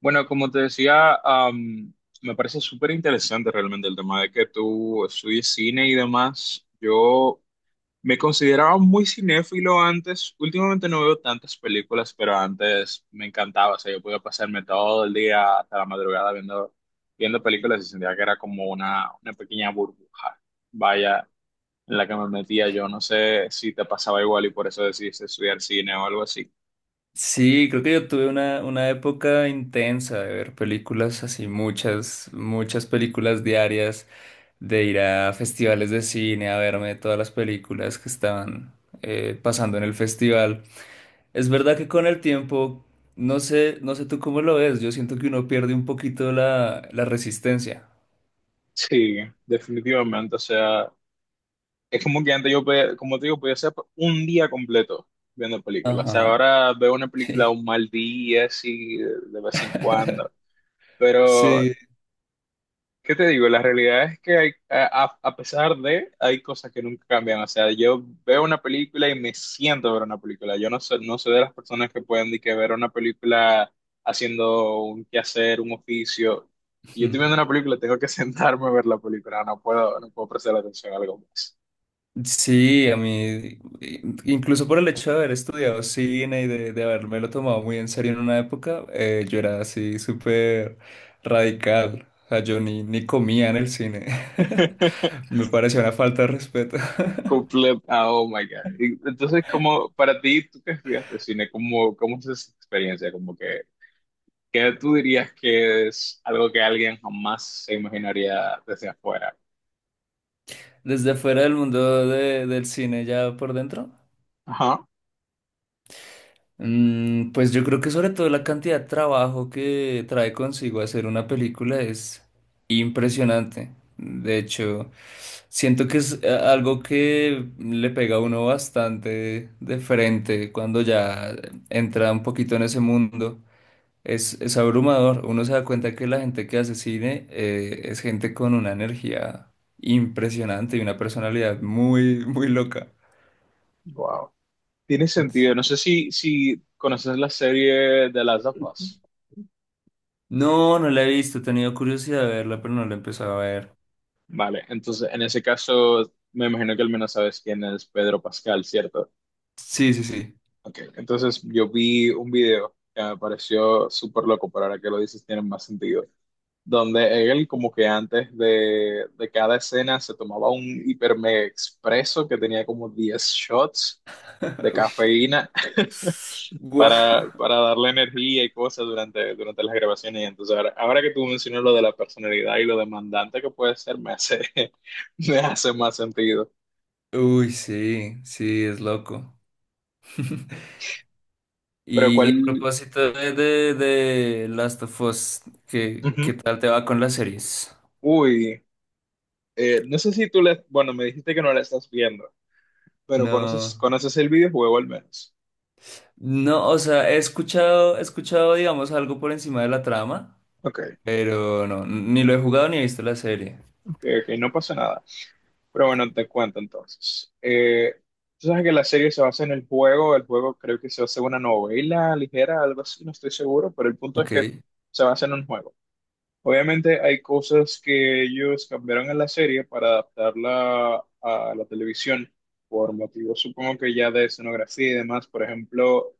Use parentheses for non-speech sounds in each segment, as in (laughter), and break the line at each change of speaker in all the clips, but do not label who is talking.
Bueno, como te decía, me parece súper interesante realmente el tema de que tú estudies cine y demás. Yo me consideraba muy cinéfilo antes. Últimamente no veo tantas películas, pero antes me encantaba. O sea, yo podía pasarme todo el día hasta la madrugada viendo películas y sentía que era como una pequeña burbuja. Vaya, en la que me metía yo. No sé si te pasaba igual y por eso decidiste estudiar cine o algo así.
Sí, creo que yo tuve una época intensa de ver películas así, muchas películas diarias, de ir a festivales de cine, a verme todas las películas que estaban pasando en el festival. Es verdad que con el tiempo, no sé, no sé tú cómo lo ves, yo siento que uno pierde un poquito la resistencia.
Sí, definitivamente. O sea. Es como que antes yo podía, como te digo, podía ser un día completo viendo películas. O sea,
Ajá,
ahora veo una película
sí.
un mal día, así, de vez en cuando.
(laughs)
Pero,
Sí.
¿qué te digo? La realidad es que a pesar de, hay cosas que nunca cambian. O sea, yo veo una película y me siento a ver una película. Yo no soy, no soy de las personas que pueden ni que ver una película haciendo un quehacer, un oficio. Si yo estoy viendo una película, tengo que (laughs) sentarme a ver la película. No puedo prestar atención a algo más.
Sí, a mí, incluso por el hecho de haber estudiado cine y de habérmelo tomado muy en serio en una época, yo era así súper radical. O sea, yo ni comía en el cine. (laughs) Me parecía una falta de respeto. (laughs)
Oh my God. Y entonces, como para ti, tú que estudiaste cine, ¿ cómo es esa experiencia? Como que, ¿qué tú dirías que es algo que alguien jamás se imaginaría desde afuera?
Desde fuera del del cine, ya por dentro.
Ajá.
Mm, pues yo creo que sobre todo la cantidad de trabajo que trae consigo hacer una película es impresionante. De hecho, siento que es algo que le pega a uno bastante de frente cuando ya entra un poquito en ese mundo. Es abrumador. Uno se da cuenta que la gente que hace cine es gente con una energía impresionante y una personalidad muy, muy loca.
Wow. Tiene sentido. No sé si conoces la serie de Last of Us.
No, no la he visto, he tenido curiosidad de verla, pero no la he empezado a ver.
Vale. Entonces, en ese caso, me imagino que al menos sabes quién es Pedro Pascal, ¿cierto?
Sí, sí, sí.
Ok. Entonces, yo vi un video que me pareció súper loco, pero ahora que lo dices, tiene más sentido. Donde él como que antes de cada escena se tomaba un hipermega expreso que tenía como 10 shots de
(laughs) Uy.
cafeína (laughs)
Guau.
para darle energía y cosas durante las grabaciones. Y entonces ahora que tú mencionas lo de la personalidad y lo demandante que puede ser, me hace, (laughs) me hace más sentido.
Uy, sí, sí, es loco. (laughs)
Pero
Y, y a
cuál...
propósito de Last of Us, ¿qué,
Ujú.
qué tal te va con las series?
Uy, no sé si tú le... Bueno, me dijiste que no la estás viendo, pero
No,
conoces el videojuego al menos.
no, o sea, he escuchado, digamos, algo por encima de la trama,
Ok,
pero no, ni lo he jugado ni he visto la serie.
ok, no pasa nada. Pero bueno, te cuento entonces. Tú sabes que la serie se basa en el juego creo que se basa en una novela ligera, algo así, no estoy seguro, pero el punto es que
Ok.
se basa en un juego. Obviamente hay cosas que ellos cambiaron en la serie para adaptarla a la televisión, por motivos supongo que ya de escenografía y demás. Por ejemplo,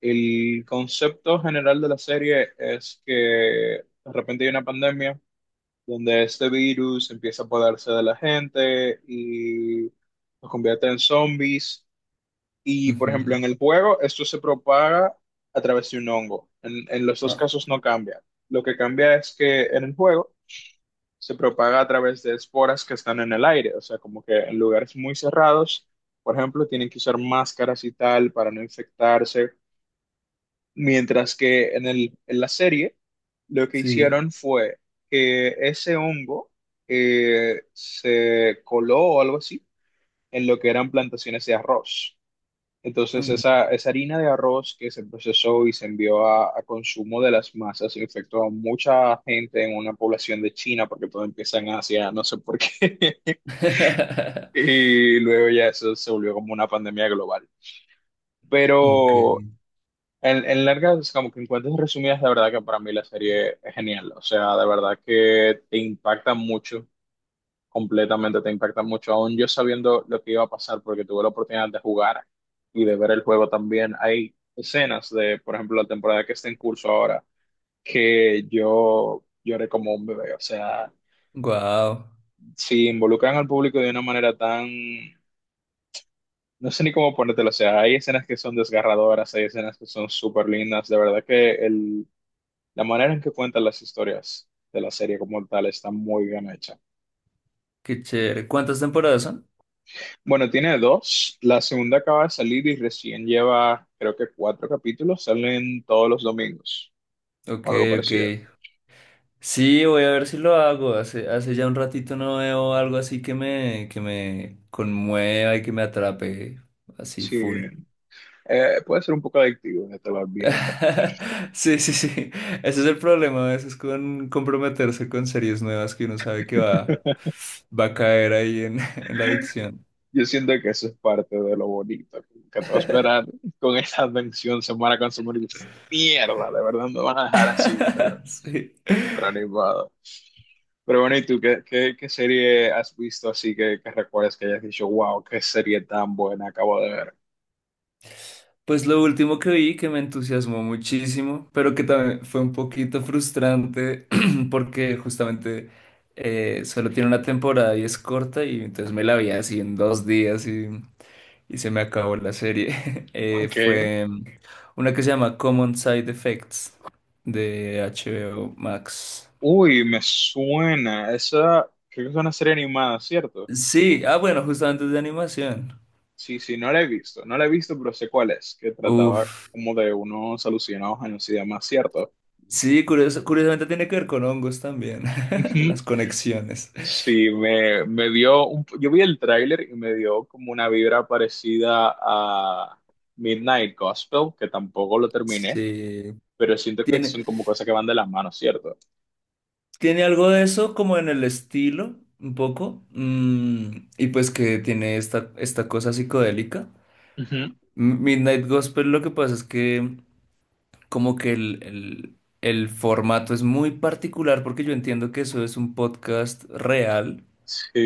el concepto general de la serie es que de repente hay una pandemia donde este virus empieza a apoderarse de la gente y los convierte en zombies. Y, por ejemplo,
Ujú.
en el juego, esto se propaga a través de un hongo. En los dos
Ah,
casos no cambia. Lo que cambia es que en el juego se propaga a través de esporas que están en el aire, o sea, como que en lugares muy cerrados, por ejemplo, tienen que usar máscaras y tal para no infectarse. Mientras que en la serie lo que
sí.
hicieron fue que ese hongo se coló o algo así en lo que eran plantaciones de arroz. Entonces
Ujú.
esa harina de arroz que se procesó y se envió a consumo de las masas infectó a mucha gente en una población de China porque todo empieza en Asia, no sé por qué. (laughs)
(laughs)
Y luego ya eso se volvió como una pandemia global.
Ok.
Pero en largas, como que en cuentas resumidas, la verdad que para mí la serie es genial. O sea, de verdad que te impacta mucho, completamente te impacta mucho. Aún yo sabiendo lo que iba a pasar, porque tuve la oportunidad de jugar y de ver el juego también, hay escenas de, por ejemplo, la temporada que está en curso ahora, que yo lloré como un bebé. O sea,
Wow,
si involucran al público de una manera tan... No sé ni cómo ponértelo, o sea, hay escenas que son desgarradoras, hay escenas que son súper lindas, de verdad que el la manera en que cuentan las historias de la serie como tal está muy bien hecha.
qué chévere. ¿Cuántas temporadas son?
Bueno, tiene dos. La segunda acaba de salir y recién lleva, creo que cuatro capítulos. Salen todos los domingos
Ok,
o algo
ok.
parecido.
Sí, voy a ver si lo hago. Hace, hace ya un ratito no veo algo así que me conmueva y que me atrape así
Sí,
full.
puede ser un poco adictivo, ya te lo advierto.
(laughs) Sí, sí, sí. Ese es el problema a veces con comprometerse con series nuevas que uno sabe que va, va a caer ahí en, (laughs) en la adicción.
Yo siento que eso es parte de lo bonito, como que te va a esperar con esa advención semana con su mierda, de verdad me van a dejar así,
(laughs) Sí.
pero animado. Pero bueno, ¿y tú qué, qué serie has visto así que recuerdas que hayas dicho, wow, qué serie tan buena acabo de ver?
Pues lo último que vi que me entusiasmó muchísimo, pero que también fue un poquito frustrante (clears throat) porque justamente solo tiene una temporada y es corta y entonces me la vi así en dos días y se me acabó la serie. (laughs)
Ok.
Fue una que se llama Common Side Effects de HBO Max.
Uy, me suena. Esa, creo que es una serie animada, ¿cierto?
Sí, ah bueno, justamente es de animación.
Sí, sí, no la he visto. No la he visto, pero sé cuál es, que trataba
Uf,
como de unos alucinados años y demás, ¿cierto?
sí, curiosamente tiene que ver con hongos también, (laughs)
Ujú.
las conexiones.
Sí, me dio un, yo vi el tráiler y me dio como una vibra parecida a Midnight Gospel, que tampoco lo terminé,
Sí.
pero siento que
Tiene,
son como cosas que van de las manos, ¿cierto?
tiene algo de eso como en el estilo, un poco, mm, y pues que tiene esta, esta cosa psicodélica.
Ujú.
Midnight Gospel lo que pasa es que como que el formato es muy particular porque yo entiendo que eso es un podcast real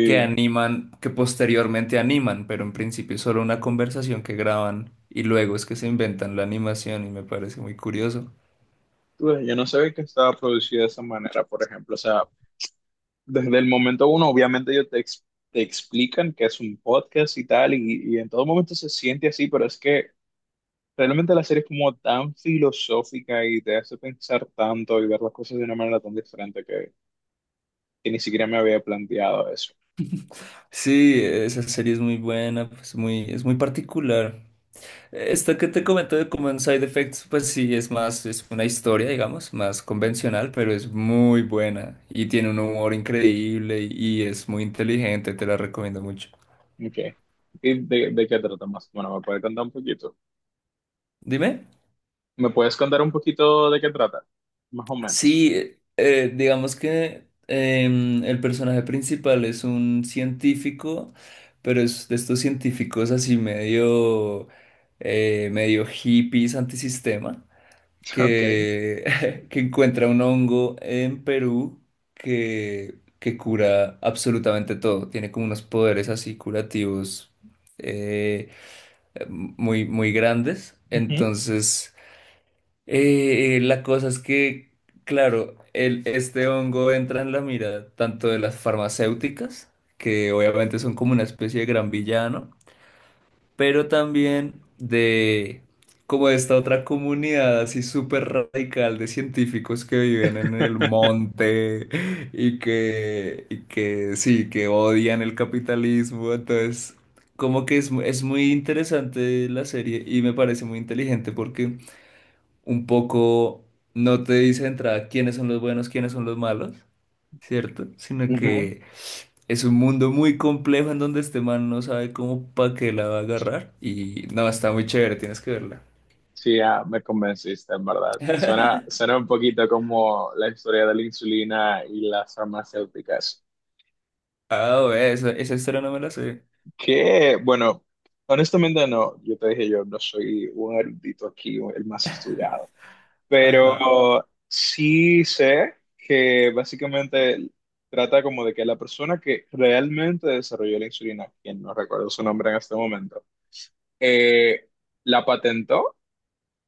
que animan, que posteriormente animan, pero en principio es solo una conversación que graban y luego es que se inventan la animación y me parece muy curioso.
tú ves, yo no sabía que estaba producido de esa manera, por ejemplo. O sea, desde el momento uno, obviamente ellos te, te explican que es un podcast y tal, y en todo momento se siente así, pero es que realmente la serie es como tan filosófica y te hace pensar tanto y ver las cosas de una manera tan diferente que ni siquiera me había planteado eso.
Sí, esa serie es muy buena, pues muy, es muy particular. Esto que te comento de Common Side Effects, pues sí, es más, es una historia, digamos, más convencional, pero es muy buena y tiene un humor increíble y es muy inteligente, te la recomiendo mucho.
Ok. ¿Y de qué trata más? Bueno, ¿me puedes contar un poquito?
Dime.
¿Me puedes contar un poquito de qué trata? Más o menos.
Sí, digamos que el personaje principal es un científico, pero es de estos científicos así medio, medio hippies antisistema.
(laughs) Ok.
Que, (laughs) que encuentra un hongo en Perú que cura absolutamente todo. Tiene como unos poderes así curativos eh, muy, muy grandes.
Ujú.
Entonces, la cosa es que, claro, el, este hongo entra en la mira tanto de las farmacéuticas, que obviamente son como una especie de gran villano, pero también de como de esta otra comunidad así súper radical de científicos que viven en el monte y que sí, que odian el capitalismo, entonces como que es, es muy interesante la serie y me parece muy inteligente porque un poco no te dice de entrada quiénes son los buenos, quiénes son los malos, ¿cierto? Sino
(laughs)
que es un mundo muy complejo en donde este man no sabe cómo pa' qué la va a agarrar. Y no, está muy chévere, tienes que verla.
Sí, ya me convenciste, en verdad.
(laughs)
Suena un poquito como la historia de la insulina y las farmacéuticas.
Ah, ve, esa historia no me la sé.
Que, bueno, honestamente no, yo te dije, yo no soy un erudito aquí, el más estudiado. Pero
Ajá,
sí sé que básicamente trata como de que la persona que realmente desarrolló la insulina, quien no recuerdo su nombre en este momento, eh, la patentó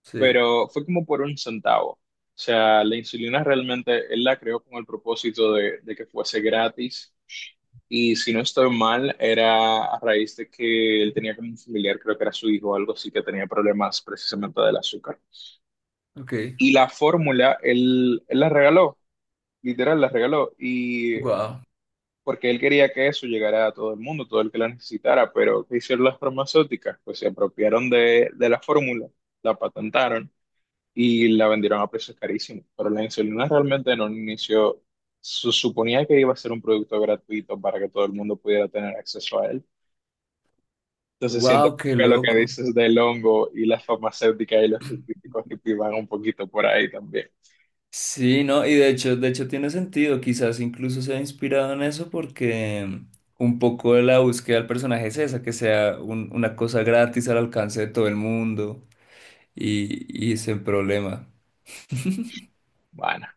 sí,
pero fue como por un centavo. O sea, la insulina realmente él la creó con el propósito de que fuese gratis. Y si no estoy mal, era a raíz de que él tenía como un familiar, creo que era su hijo o algo así, que tenía problemas precisamente del azúcar.
ok.
Y la fórmula, él la regaló, literal, la regaló. Y
Wow,
porque él quería que eso llegara a todo el mundo, todo el que la necesitara. Pero ¿qué hicieron las farmacéuticas? Pues se apropiaron de la fórmula, la patentaron y la vendieron a precios carísimos. Pero la insulina realmente en un inicio se suponía que iba a ser un producto gratuito para que todo el mundo pudiera tener acceso a él. Entonces siento
wow, qué
que lo que
loco.
dices del hongo y las farmacéuticas y los científicos que te van un poquito por ahí también.
Sí, no, y de hecho tiene sentido, quizás incluso sea inspirado en eso porque un poco de la búsqueda del personaje es esa, que sea una cosa gratis al alcance de todo el mundo y sin problema.
Bueno,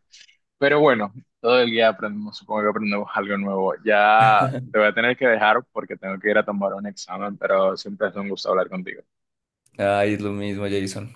pero bueno, todo el día aprendemos, supongo que aprendemos algo nuevo. Ya te voy a tener que dejar porque tengo que ir a tomar un examen, pero siempre es un gusto hablar contigo.
Ay, es lo mismo, Jason.